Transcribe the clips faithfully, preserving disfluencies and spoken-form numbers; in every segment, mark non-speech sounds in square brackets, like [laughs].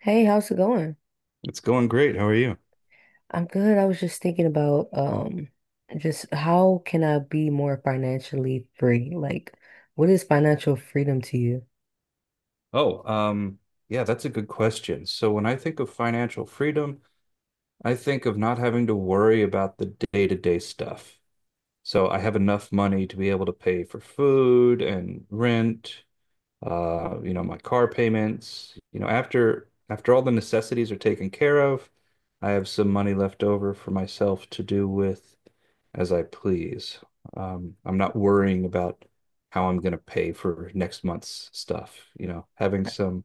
Hey, how's it going? It's going great. How are you? I'm good. I was just thinking about um just how can I be more financially free? Like, what is financial freedom to you? Oh, um, yeah, that's a good question. So when I think of financial freedom, I think of not having to worry about the day-to-day stuff. So I have enough money to be able to pay for food and rent uh, you know, my car payments, you know, after after all the necessities are taken care of, I have some money left over for myself to do with as I please. Um, I'm not worrying about how I'm going to pay for next month's stuff, you know, having some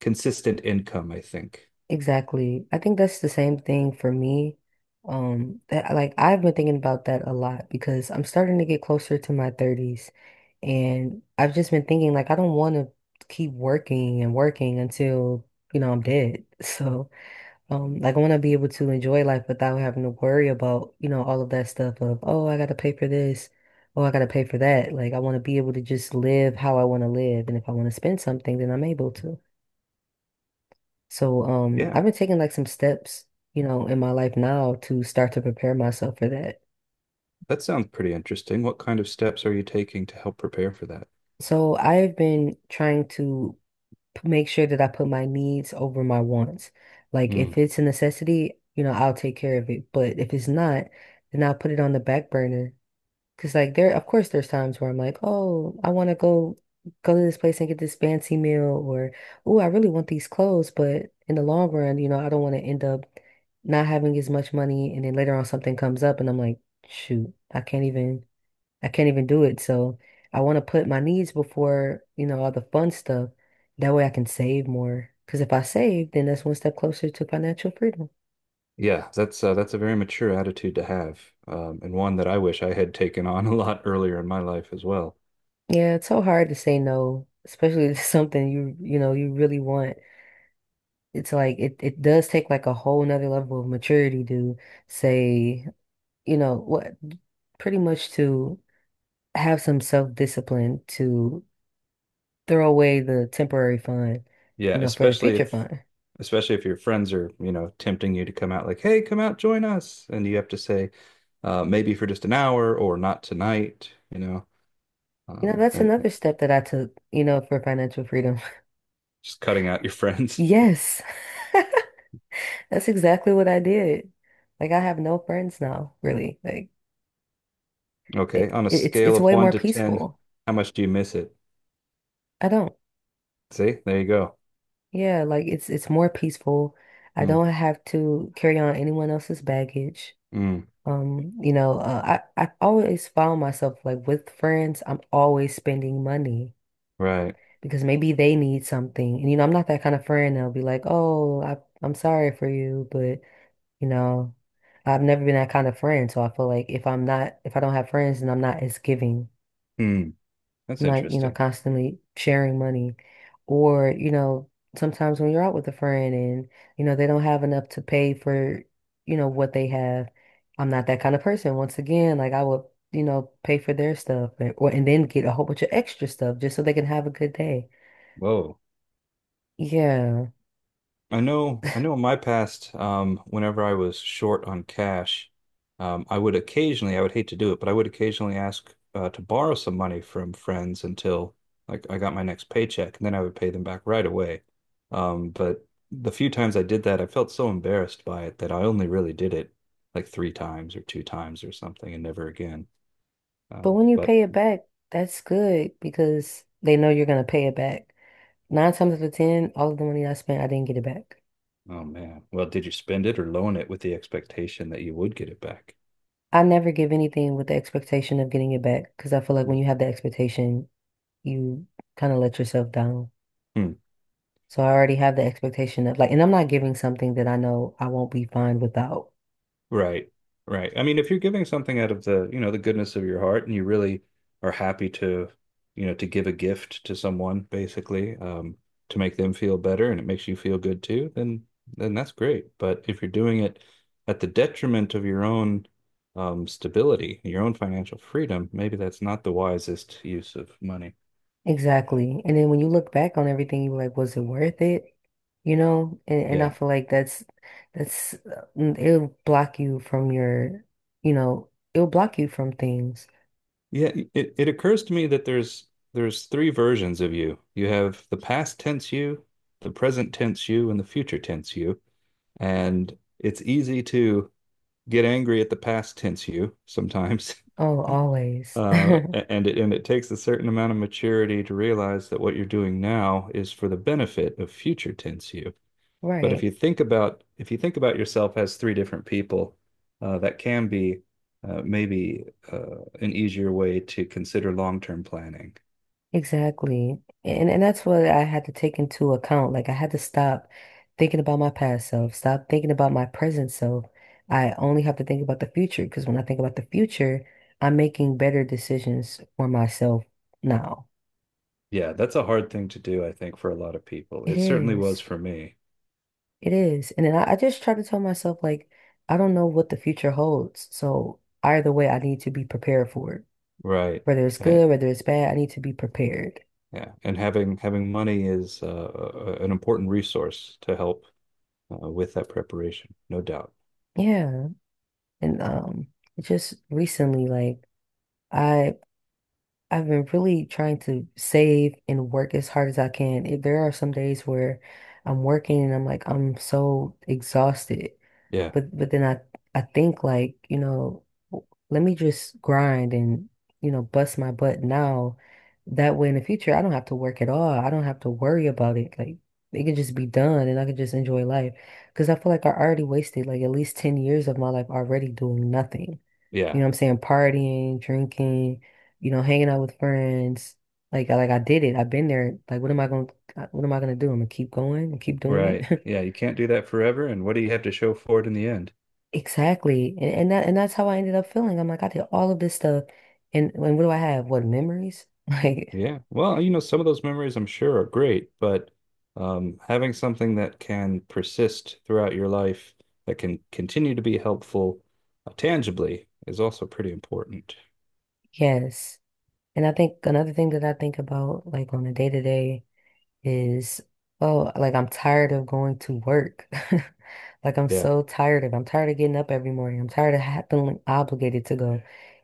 consistent income, I think. Exactly. I think that's the same thing for me. Um, that like I've been thinking about that a lot because I'm starting to get closer to my thirties, and I've just been thinking like I don't want to keep working and working until, you know, I'm dead. [laughs] So Um, like I want to be able to enjoy life without having to worry about, you know, all of that stuff of, oh, I got to pay for this, oh, I got to pay for that. Like I want to be able to just live how I want to live, and if I want to spend something, then I'm able to. So, um, I've Yeah, been taking like some steps, you know, in my life now to start to prepare myself for that. that sounds pretty interesting. What kind of steps are you taking to help prepare for that? So I've been trying to p- make sure that I put my needs over my wants. Like Mm. if it's a necessity, you know, I'll take care of it, but if it's not, then I'll put it on the back burner. Cause like there, of course, there's times where I'm like, oh, I want to go go to this place and get this fancy meal, or oh, I really want these clothes, but in the long run, you know, I don't want to end up not having as much money, and then later on something comes up, and I'm like, shoot, I can't even, I can't even do it. So I want to put my needs before, you know, all the fun stuff. That way I can save more. Cause if I save, then that's one step closer to financial freedom. Yeah, that's uh, that's a very mature attitude to have, um, and one that I wish I had taken on [laughs] a lot earlier in my life as well. Yeah, it's so hard to say no, especially to [laughs] something you, you know, you really want. It's like it, it does take like a whole nother level of maturity to say, you know, what, pretty much to have some self-discipline to throw away the temporary fund, Yeah, you know, for the especially future if fund. especially if your friends are, you know, tempting you to come out like, "Hey, come out, join us," and you have to say, uh, maybe for just an hour or not tonight, you know, You know, um, that's and another step that I took, you know, for financial freedom. [laughs] Just cutting out your friends. [laughs] Yes. [laughs] That's exactly what I did. Like I have no friends now, really. Like it, Okay, on a it- it's scale it's of way one more to ten, peaceful. how much do you miss it? I don't. See, there you go. Yeah, like it's it's more peaceful. I Mm, don't have to carry on anyone else's baggage. mm, Um, you know, uh, I I always found myself like with friends, I'm always spending money right. because maybe they need something. And you know, I'm not that kind of friend that'll be like, "Oh, I I'm sorry for you," but you know, I've never been that kind of friend, so I feel like if I'm not if I don't have friends, then I'm not as giving, Mm, that's not, you know, interesting. constantly sharing money. Or, you know, sometimes when you're out with a friend and, you know, they don't have enough to pay for, you know, what they have. I'm not that kind of person. Once again, like I would, you know, pay for their stuff and, or, and then get a whole bunch of extra stuff just so they can have a good day. Whoa. Yeah. I know, I know in my past, um, whenever I was short on cash, um, I would occasionally, I would hate to do it, but I would occasionally ask uh, to borrow some money from friends until like I got my next paycheck, and then I would pay them back right away. Um, but the few times I did that, I felt so embarrassed by it that I only really did it like three times or two times or something, and never again. But Um, when you but pay it back, that's good because they know you're gonna pay it back. Nine times out of ten, all of the money I spent, I didn't get it back. oh man, well, did you spend it or loan it with the expectation that you would get it back? I never give anything with the expectation of getting it back because I feel like when you have the expectation, you kind of let yourself down. Hmm. So I already have the expectation of like, and I'm not giving something that I know I won't be fine without. Right. Right. I mean, if you're giving something out of the, you know, the goodness of your heart and you really are happy to, you know, to give a gift to someone, basically, um, to make them feel better and it makes you feel good too, then then that's great. But if you're doing it at the detriment of your own um stability, your own financial freedom, maybe that's not the wisest use of money. Exactly. And then when you look back on everything, you're like, was it worth it? You know? And and I Yeah. feel like that's that's uh, mm, it'll block you from your, you know, it'll block you from things. Yeah, it, it occurs to me that there's there's three versions of you. You have the past tense you, the present tense you, and the future tense you. And it's easy to get angry at the past tense you sometimes. [laughs] Oh, always. Uh, [laughs] a- and it and it takes a certain amount of maturity to realize that what you're doing now is for the benefit of future tense you. But if Right. you think about if you think about yourself as three different people, uh, that can be uh, maybe uh, an easier way to consider long-term planning. Exactly. And and that's what I had to take into account. Like I had to stop thinking about my past self, stop thinking about my present self. I only have to think about the future because when I think about the future, I'm making better decisions for myself now. Yeah, that's a hard thing to do, I think, for a lot of people. It It certainly was is. for me. It is. And then I, I just try to tell myself like I don't know what the future holds. So either way, I need to be prepared for it. Right. Whether it's And good, whether it's bad, I need to be prepared. yeah, and having having money is uh, a- an important resource to help uh, with that preparation, no doubt. Yeah. And um just recently like I I've been really trying to save and work as hard as I can. If there are some days where I'm working and I'm like, I'm so exhausted, Yeah. but but then I I think like, you know, w- let me just grind and, you know, bust my butt now. That way in the future I don't have to work at all. I don't have to worry about it. Like it can just be done and I can just enjoy life. Because I feel like I already wasted like at least ten years of my life already doing nothing. You Yeah. know what I'm saying? Partying, drinking, you know, hanging out with friends. Like I- like I did it. I've been there. Like what am I gonna what am I gonna do? I'm gonna keep going and keep doing Right. it. Yeah, you can't do that forever. And what do you have to show for it in the end? Exactly. And, and that and that's how I ended up feeling. I'm like, I did all of this stuff and, and what do I have? What memories? [laughs] Like, Yeah. Well, you know, some of those memories I'm sure are great, but um, having something that can persist throughout your life, that can continue to be helpful uh, tangibly is also pretty important. yes. And I think another thing that I think about like on a day to day is, oh, like I'm tired of going to work. [laughs] Like I'm Yeah. so tired of, I'm tired of getting up every morning. I'm tired of ha feeling obligated to go.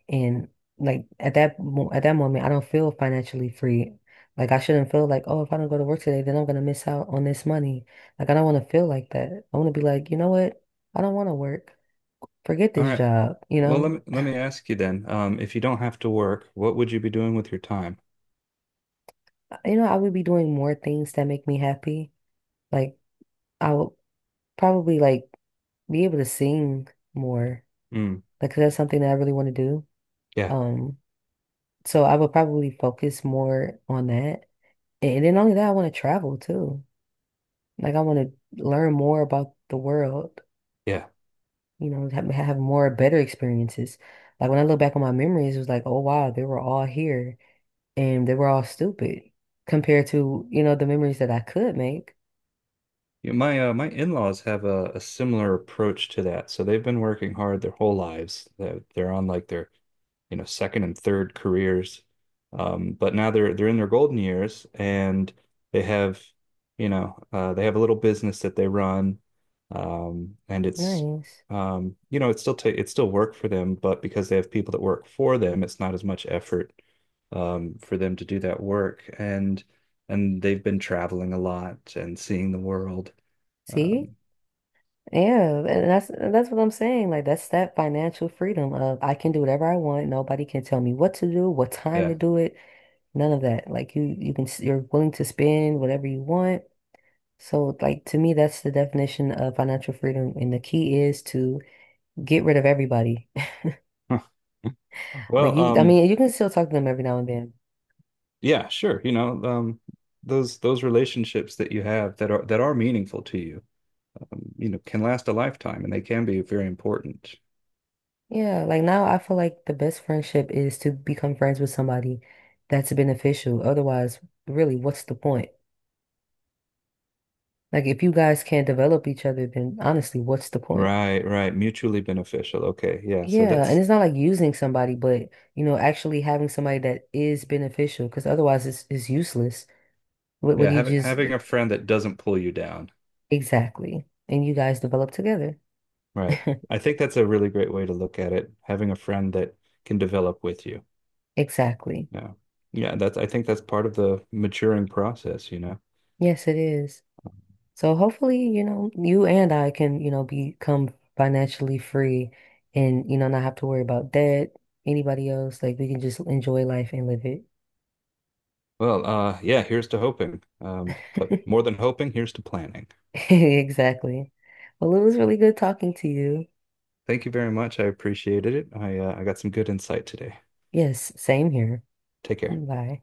And like at that mo at that moment, I don't feel financially free. Like I shouldn't feel like, oh, if I don't go to work today, then I'm gonna miss out on this money. Like I don't want to feel like that. I want to be like, you know what? I don't want to work. Forget All this right. job, you Well, let know? me let me ask you then, um, if you don't have to work, what would you be doing with your time? Uh, You know, I would be doing more things that make me happy. Like I would probably like be able to sing more, Mm, because that's something that I really want to do. yeah, Um, so I would probably focus more on that. And then only that, I want to travel too. Like I want to learn more about the world, yeah. you know, have, have more better experiences. Like when I look back on my memories, it was like, oh wow, they were all here and they were all stupid compared to, you know, the memories that I could make. Yeah, my uh, my in-laws have a, a similar approach to that. So they've been working hard their whole lives. They're, they're on like their you know, second and third careers. Um, but now they're they're in their golden years and they have, you know, uh, they have a little business that they run. Um, and it's Nice. um, you know, it's still ta it's still work for them, but because they have people that work for them, it's not as much effort um, for them to do that work. And and they've been traveling a lot and seeing the world. See? Um, Yeah, and that's and that's what I'm saying. Like that's that financial freedom of I can do whatever I want. Nobody can tell me what to do, what time to yeah. do it. None of that. Like you, you can, s- you're willing to spend whatever you want. So, like to me, that's the definition of financial freedom. And the key is to get rid of everybody. [laughs] [laughs] Like Well, you, I um, mean, you can still talk to them every now and then. yeah, sure. You know, um, those those relationships that you have that are that are meaningful to you, you know, can last a lifetime and they can be very important. Yeah. Like now, I feel like the best friendship is to become friends with somebody that's beneficial. Otherwise, really, what's the point? Like if you guys can't develop each other, then honestly, what's the point? Right, right. Mutually beneficial. Okay. Yeah. So Yeah, and that's it's not like using somebody, but you know, actually having somebody that is beneficial, because otherwise it's it's useless. What what yeah, do you having just having a friend that doesn't pull you down. exactly? And you guys develop together. Right. [laughs] I think that's a really great way to look at it. Having a friend that can develop with you. Exactly. Yeah. Yeah, that's I think that's part of the maturing process, you know. Yes, it is. So hopefully, you know, you and I can, you know, become financially free and, you know, not have to worry about debt, anybody else. Like we can just enjoy life and live Well, uh yeah, here's to hoping. Um, but it. more than hoping, here's to planning. [laughs] Exactly. Well, it was really good talking to you. Thank you very much. I appreciated it. I uh, I got some good insight today. Yes, same here. Take care. Bye.